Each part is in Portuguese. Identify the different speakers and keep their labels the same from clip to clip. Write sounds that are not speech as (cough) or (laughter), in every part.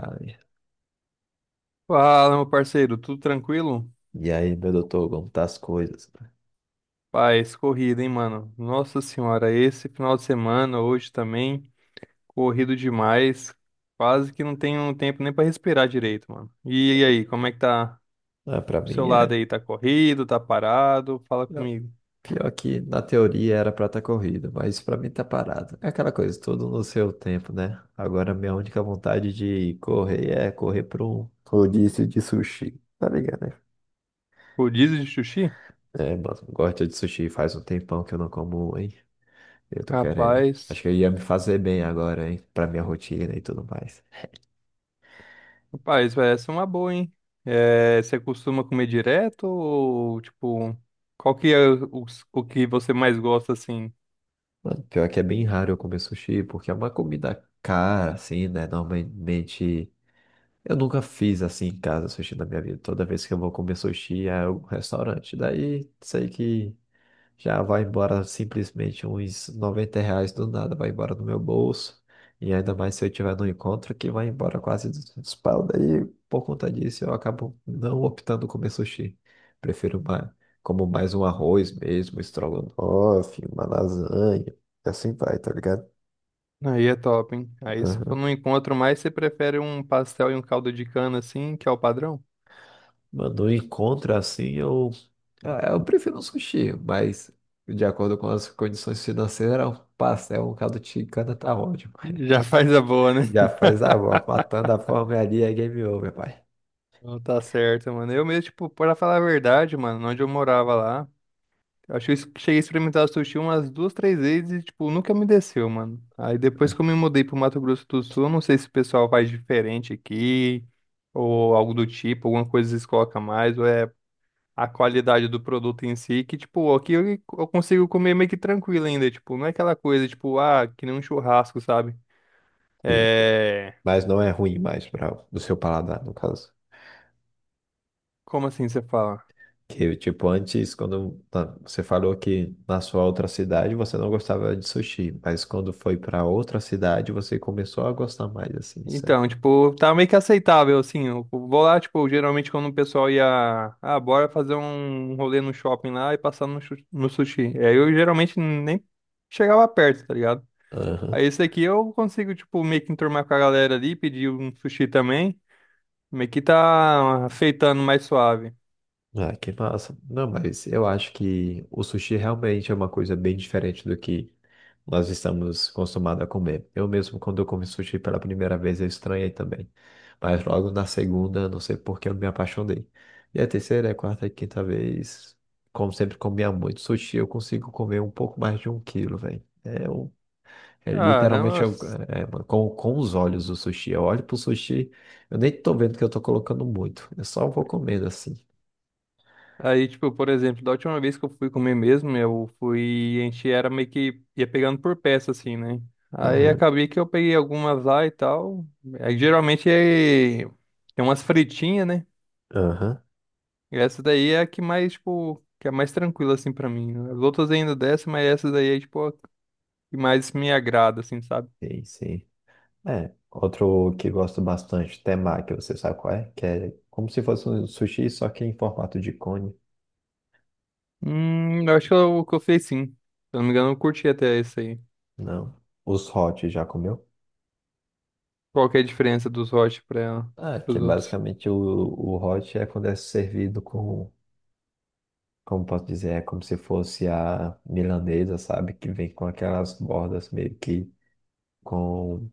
Speaker 1: Ai,
Speaker 2: Fala, meu parceiro, tudo tranquilo?
Speaker 1: e aí, meu doutor, como tá as coisas?
Speaker 2: Paz, corrida, hein, mano? Nossa senhora, esse final de semana, hoje também, corrido demais. Quase que não tenho tempo nem pra respirar direito, mano. E aí, como é que tá
Speaker 1: Ah, para
Speaker 2: pro seu
Speaker 1: mim é
Speaker 2: lado aí? Tá corrido, tá parado? Fala comigo.
Speaker 1: pior que na teoria era pra estar corrido, mas pra mim tá parado. É aquela coisa, tudo no seu tempo, né? Agora minha única vontade de correr é correr para um rodízio de sushi, tá ligado, né?
Speaker 2: Rodízio de sushi?
Speaker 1: É, mano, gosto de sushi, faz um tempão que eu não como, um, hein? Eu tô querendo.
Speaker 2: Rapaz,
Speaker 1: Acho que ia me fazer bem agora, hein? Pra minha rotina e tudo mais.
Speaker 2: rapaz, vai, essa é uma boa, hein? É, você costuma comer direto ou, tipo, qual que é o que você mais gosta, assim?
Speaker 1: Mano, pior que é bem raro eu comer sushi, porque é uma comida cara, assim, né? Normalmente eu nunca fiz assim em casa sushi na minha vida. Toda vez que eu vou comer sushi é um restaurante. Daí sei que já vai embora simplesmente uns 90 reais do nada, vai embora do meu bolso. E ainda mais se eu tiver no encontro, que vai embora quase 200 pau. Daí, por conta disso, eu acabo não optando comer sushi. Prefiro mais, como mais um arroz mesmo, estrogonofe, uma lasanha. E assim vai, tá ligado?
Speaker 2: Aí é top, hein? Aí se for num encontro mais, você prefere um pastel e um caldo de cana assim, que é o padrão?
Speaker 1: Mano, um encontro assim, eu, ah, eu prefiro um sushi, mas de acordo com as condições financeiras, um pastel, um caldo de cana tá ótimo. (laughs)
Speaker 2: Já (laughs) faz a boa, né?
Speaker 1: Já faz a avó, matando a fome ali, é game over, pai.
Speaker 2: Não, tá certo, mano. Eu mesmo, tipo, pra falar a verdade, mano, onde eu morava lá, eu acho que cheguei a experimentar sushi umas duas, três vezes e, tipo, nunca me desceu, mano. Aí depois que eu me mudei pro Mato Grosso do Sul, eu não sei se o pessoal faz diferente aqui, ou algo do tipo, alguma coisa eles colocam mais, ou é a qualidade do produto em si, que, tipo, aqui eu consigo comer meio que tranquilo ainda, tipo, não é aquela coisa, tipo, ah, que nem um churrasco, sabe?
Speaker 1: Sim,
Speaker 2: É...
Speaker 1: mas não é ruim mais para o seu paladar, no caso.
Speaker 2: Como assim você fala?
Speaker 1: Que, tipo, antes, quando tá, você falou que na sua outra cidade você não gostava de sushi, mas quando foi para outra cidade você começou a gostar mais, assim, certo?
Speaker 2: Então, tipo, tá meio que aceitável, assim, eu vou lá, tipo, geralmente quando o pessoal ia, ah, bora fazer um rolê no shopping lá e passar no sushi, é, eu geralmente nem chegava perto, tá ligado?
Speaker 1: Aham.
Speaker 2: Aí esse aqui eu consigo, tipo, meio que enturmar com a galera ali, pedir um sushi também, meio que tá feitando mais suave.
Speaker 1: Ah, que massa. Não, mas eu acho que o sushi realmente é uma coisa bem diferente do que nós estamos acostumados a comer. Eu mesmo, quando eu comi sushi pela primeira vez, eu estranhei também. Mas logo na segunda, não sei por que eu me apaixonei. E a terceira, a quarta e quinta vez, como sempre comia muito sushi, eu consigo comer um pouco mais de um quilo, velho. É, um- é literalmente
Speaker 2: Caramba.
Speaker 1: eu- é, mano, com os olhos o sushi. Eu olho pro sushi, eu nem tô vendo que eu tô colocando muito. Eu só vou comendo assim.
Speaker 2: Aí, tipo, por exemplo, da última vez que eu fui comer mesmo, eu fui, a gente era meio que ia pegando por peça, assim, né? Aí acabei que eu peguei algumas lá e tal. Aí geralmente é... tem umas fritinhas, né?
Speaker 1: Aham,
Speaker 2: E essa daí é a que mais, tipo, que é mais tranquila, assim, pra mim. As outras ainda dessa, mas essa daí é, tipo, a que mais me agrada, assim, sabe?
Speaker 1: sei, sei. É, outro que gosto bastante, temaki, você sabe qual é? Que é como se fosse um sushi, só que em formato de cone.
Speaker 2: Eu acho que eu fiz, sim. Se eu não me engano, eu curti até esse aí.
Speaker 1: Não. Os hot, já comeu?
Speaker 2: Qual que é a diferença dos hot pra ela,
Speaker 1: Ah, que
Speaker 2: pros outros?
Speaker 1: basicamente o hot é quando é servido com, como posso dizer, é como se fosse a milanesa, sabe? Que vem com aquelas bordas meio que com...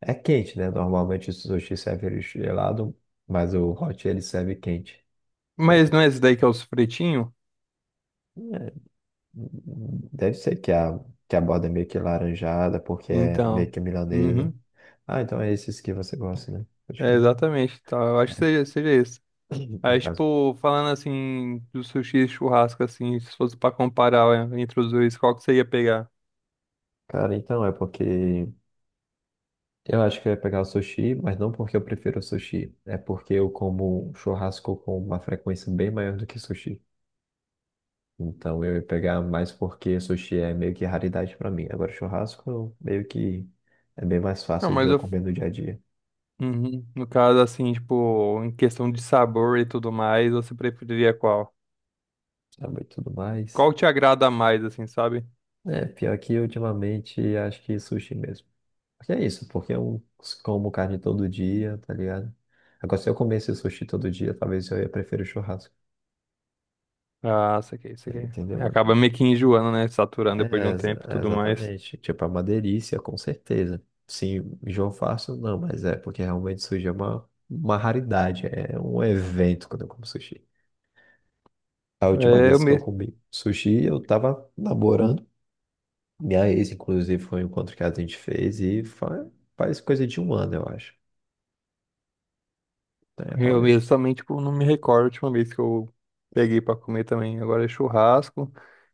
Speaker 1: É quente, né? Normalmente o sushi serve ele gelado, mas o hot ele serve quente.
Speaker 2: Mas não é esse daí que é os fritinho?
Speaker 1: Deve ser que a borda é meio que laranjada, porque é meio
Speaker 2: Então.
Speaker 1: que milanesa.
Speaker 2: Uhum.
Speaker 1: Ah, então é esses que você gosta, né? Pode
Speaker 2: É
Speaker 1: crer.
Speaker 2: exatamente, tá? Eu acho que seja esse.
Speaker 1: (clears throat) No
Speaker 2: Aí,
Speaker 1: caso.
Speaker 2: tipo, falando assim, do sushi e churrasco, assim, se fosse pra comparar é, entre os dois, qual que você ia pegar?
Speaker 1: Cara, então é porque eu acho que eu ia pegar o sushi, mas não porque eu prefiro o sushi. É porque eu como churrasco com uma frequência bem maior do que sushi. Então eu ia pegar mais porque sushi é meio que raridade pra mim. Agora churrasco meio que é bem mais
Speaker 2: Não,
Speaker 1: fácil de
Speaker 2: mas
Speaker 1: eu
Speaker 2: eu.
Speaker 1: comer no dia a dia,
Speaker 2: Uhum. No caso, assim, tipo, em questão de sabor e tudo mais, você preferiria qual?
Speaker 1: sabe? E tudo mais.
Speaker 2: Qual te agrada mais, assim, sabe?
Speaker 1: É, pior que ultimamente acho que sushi mesmo. Porque é isso, porque eu como carne todo dia, tá ligado? Agora, se eu comesse sushi todo dia, talvez eu ia preferir o churrasco.
Speaker 2: Ah, isso aqui, isso aqui.
Speaker 1: Entendeu, mano?
Speaker 2: Acaba meio que enjoando, né? Saturando depois de
Speaker 1: É,
Speaker 2: um
Speaker 1: exa-
Speaker 2: tempo e
Speaker 1: é
Speaker 2: tudo mais.
Speaker 1: exatamente. Tipo, é uma delícia, com certeza. Sim, João Fácil não, mas é porque realmente sushi é uma raridade, é um evento quando eu como sushi. A última
Speaker 2: É, eu
Speaker 1: vez que eu
Speaker 2: mesmo.
Speaker 1: comi sushi, eu tava namorando. Minha ex, inclusive, foi um encontro que a gente fez e fa- faz coisa de 1 ano, eu acho.
Speaker 2: Eu
Speaker 1: Né?
Speaker 2: mesmo também, tipo, não me recordo a última vez que eu peguei pra comer também. Agora é churrasco.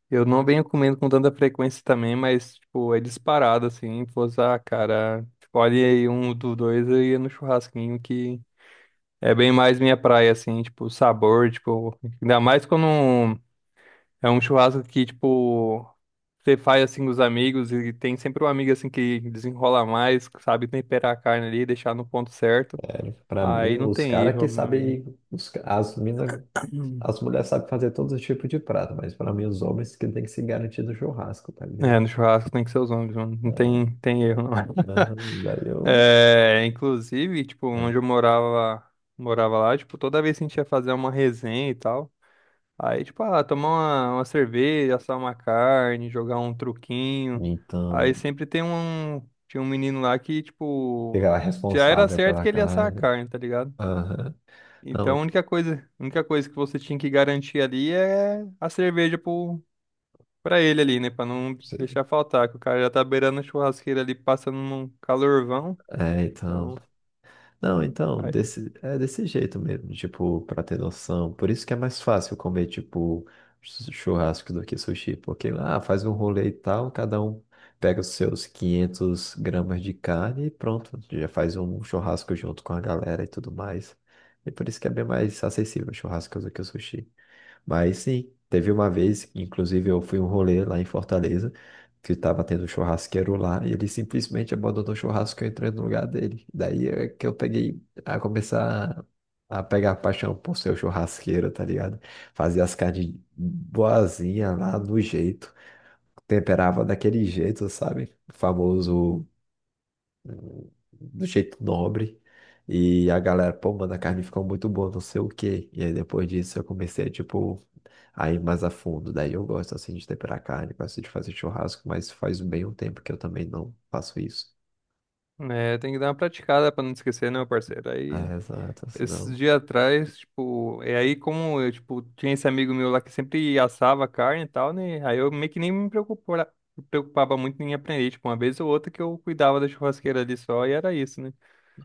Speaker 2: Eu não venho comendo com tanta frequência também, mas, tipo, é disparado, assim. Pô, ah, cara, escolhe aí um dos dois, eu ia no churrasquinho, que é bem mais minha praia, assim, tipo, o sabor, tipo. Ainda mais quando é um churrasco que, tipo, você faz assim com os amigos e tem sempre um amigo assim que desenrola mais, que sabe temperar a carne ali, deixar no ponto certo.
Speaker 1: Pra mim,
Speaker 2: Aí não
Speaker 1: os
Speaker 2: tem
Speaker 1: caras que
Speaker 2: erro, meu amigo.
Speaker 1: sabem, os ca- as mina, as
Speaker 2: (clears throat)
Speaker 1: mulheres sabem fazer todos os tipos de prato, mas pra mim, os homens que tem que se garantir no churrasco, tá ligado?
Speaker 2: É, no churrasco tem que ser os homens, mano.
Speaker 1: É,
Speaker 2: Tem erro, não. (laughs)
Speaker 1: ah, daí eu.
Speaker 2: É, inclusive, tipo,
Speaker 1: É.
Speaker 2: morava lá, tipo, toda vez que a gente ia fazer uma resenha e tal, aí, tipo, ah, tomar uma cerveja, assar uma carne, jogar um truquinho.
Speaker 1: Então,
Speaker 2: Aí
Speaker 1: né,
Speaker 2: sempre tem um, tinha um menino lá que, tipo,
Speaker 1: fica lá
Speaker 2: já era
Speaker 1: responsável
Speaker 2: certo
Speaker 1: pela
Speaker 2: que ele ia assar a
Speaker 1: carne.
Speaker 2: carne, tá ligado?
Speaker 1: Aham.
Speaker 2: Então
Speaker 1: Não,
Speaker 2: a única coisa que você tinha que garantir ali é a cerveja pro, pra ele ali, né? Pra não
Speaker 1: você-
Speaker 2: deixar faltar, que o cara já tá beirando a churrasqueira ali, passando num calorvão.
Speaker 1: é, então.
Speaker 2: Então,
Speaker 1: Não, então,
Speaker 2: aí,
Speaker 1: desse, é desse jeito mesmo, tipo, pra ter noção. Por isso que é mais fácil comer, tipo, chu- churrasco do que sushi, porque lá faz um rolê e tal, cada um pega os seus 500 gramas de carne e pronto, já faz um churrasco junto com a galera e tudo mais. E por isso que é bem mais acessível o churrasco do que o sushi. Mas sim, teve uma vez, inclusive eu fui um rolê lá em Fortaleza, que tava tendo um churrasqueiro lá, e ele simplesmente abandonou o churrasco e eu entrei no lugar dele. Daí é que eu peguei a começar a pegar paixão por ser o churrasqueiro, tá ligado? Fazia as carnes boazinha lá do jeito, temperava daquele jeito, sabe? O famoso do jeito nobre. E a galera, pô, mano, a carne ficou muito boa, não sei o quê. E aí depois disso eu comecei, tipo, a ir mais a fundo. Daí eu gosto, assim, de temperar carne, gosto de fazer churrasco, mas faz bem um tempo que eu também não faço isso.
Speaker 2: é, tem que dar uma praticada pra não esquecer, né, meu parceiro? Aí,
Speaker 1: Ah, exato, assim não.
Speaker 2: esses dias atrás, tipo, é, aí como eu, tipo, tinha esse amigo meu lá que sempre assava carne e tal, né? Aí eu meio que nem me preocupava, me preocupava muito em aprender, tipo, uma vez ou outra que eu cuidava da churrasqueira ali só e era isso, né?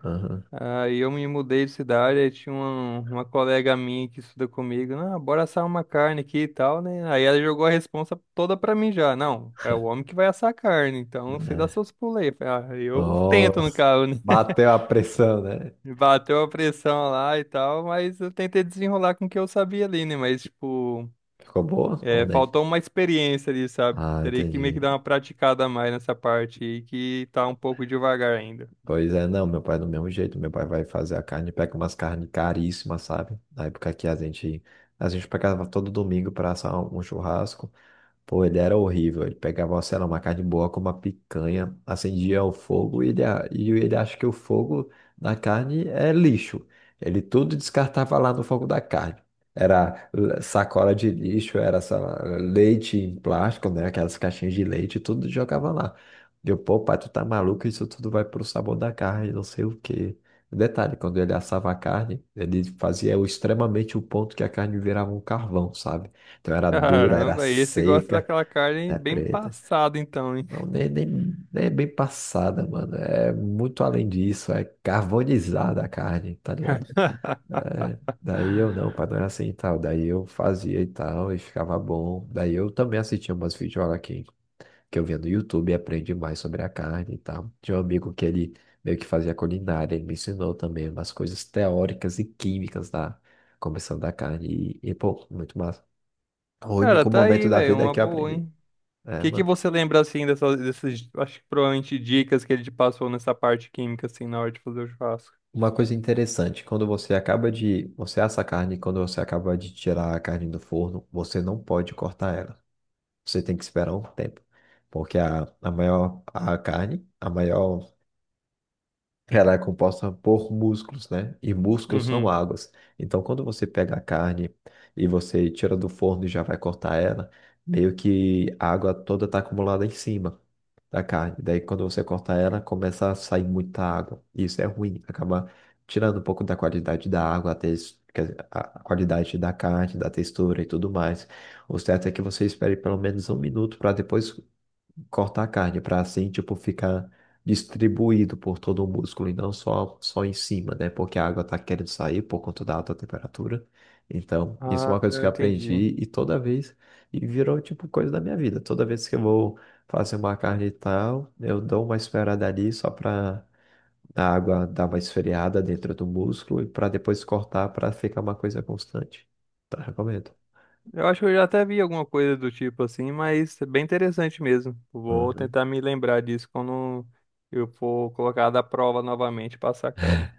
Speaker 1: Aham.
Speaker 2: Aí eu me mudei de cidade, aí tinha uma colega minha que estuda comigo, ah, bora assar uma carne aqui e tal, né? Aí ela jogou a responsa toda pra mim já, não, é o homem que vai assar a carne, então você dá
Speaker 1: É.
Speaker 2: seus pulei. Eu falei, ah, eu tento no
Speaker 1: Nossa,
Speaker 2: carro, né?
Speaker 1: bateu a pressão, né?
Speaker 2: (laughs) Bateu a pressão lá e tal, mas eu tentei desenrolar com o que eu sabia ali, né? Mas, tipo,
Speaker 1: Ficou boa ou
Speaker 2: é,
Speaker 1: nem?
Speaker 2: faltou uma experiência ali, sabe?
Speaker 1: Ah,
Speaker 2: Teria que meio que
Speaker 1: entendi.
Speaker 2: dar uma praticada a mais nessa parte aí, que tá um pouco devagar ainda.
Speaker 1: Pois é, não, meu pai é do mesmo jeito, meu pai vai fazer a carne, pega umas carnes caríssimas, sabe? Na época que a gente pegava todo domingo para assar um churrasco, pô, ele era horrível. Ele pegava, sei lá, uma carne boa com uma picanha, acendia o fogo e ele, a- e ele acha que o fogo na carne é lixo. Ele tudo descartava lá no fogo da carne. Era l- sacola de lixo, era sei lá, leite em plástico, né? Aquelas caixinhas de leite, tudo jogava lá. Deu, pô, pai, tu tá maluco? Isso tudo vai pro sabor da carne, não sei o quê. Detalhe, quando ele assava a carne, ele fazia o- extremamente o ponto que a carne virava um carvão, sabe? Então era dura, era
Speaker 2: Caramba, esse gosta
Speaker 1: seca.
Speaker 2: daquela carne
Speaker 1: É
Speaker 2: bem
Speaker 1: preta.
Speaker 2: passada, então, hein?
Speaker 1: Não, nem é bem passada, mano. É muito além disso. É carbonizada a carne, tá ligado?
Speaker 2: (laughs)
Speaker 1: É, daí eu não, pra não é assim e tal. Daí eu fazia e tal, e ficava bom. Daí eu também assistia umas videoaulas aqui, que eu via no YouTube e aprendi mais sobre a carne e tal. Tinha um amigo que ele meio que fazia culinária, ele me ensinou também umas coisas teóricas e químicas da composição da carne. E pô, muito massa. O
Speaker 2: Cara,
Speaker 1: único
Speaker 2: tá
Speaker 1: momento
Speaker 2: aí,
Speaker 1: da
Speaker 2: velho,
Speaker 1: vida
Speaker 2: uma
Speaker 1: que eu
Speaker 2: boa,
Speaker 1: aprendi.
Speaker 2: hein? O
Speaker 1: É,
Speaker 2: que que
Speaker 1: mano.
Speaker 2: você lembra, assim, dessas, acho que provavelmente dicas que ele te passou nessa parte química, assim, na hora de fazer o churrasco?
Speaker 1: Uma coisa interessante, quando você acaba de, você assa a carne, quando você acaba de tirar a carne do forno, você não pode cortar ela. Você tem que esperar um tempo, porque a maior a carne, a maior, ela é composta por músculos, né? E músculos são
Speaker 2: Uhum.
Speaker 1: águas. Então, quando você pega a carne e você tira do forno e já vai cortar ela, meio que a água toda está acumulada em cima da carne. Daí, quando você corta ela, começa a sair muita água. E isso é ruim, acaba tirando um pouco da qualidade da água, a, tes- quer dizer, a qualidade da carne, da textura e tudo mais. O certo é que você espere pelo menos 1 minuto para depois cortar a carne, para assim, tipo, ficar distribuído por todo o músculo e não só, só em cima, né? Porque a água tá querendo sair por conta da alta temperatura. Então, isso é
Speaker 2: Ah,
Speaker 1: uma coisa que
Speaker 2: eu
Speaker 1: eu
Speaker 2: entendi, hein?
Speaker 1: aprendi e toda vez, e virou, tipo, coisa da minha vida. Toda vez que eu vou fazer uma carne e tal, eu dou uma esfriada ali só para a água dar uma esfriada dentro do músculo e para depois cortar para ficar uma coisa constante. Tá, recomendo.
Speaker 2: Eu acho que eu já até vi alguma coisa do tipo, assim, mas é bem interessante mesmo. Vou
Speaker 1: Uhum.
Speaker 2: tentar me lembrar disso quando eu for colocar da prova novamente, passar carne.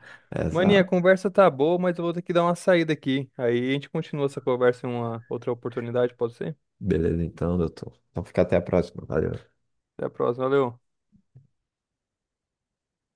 Speaker 2: Maninha, a
Speaker 1: Exato.
Speaker 2: conversa tá boa, mas eu vou ter que dar uma saída aqui. Aí a gente continua essa conversa em uma outra oportunidade, pode ser?
Speaker 1: Beleza, então, doutor. Então, fica até a próxima. Valeu.
Speaker 2: Até a próxima, valeu.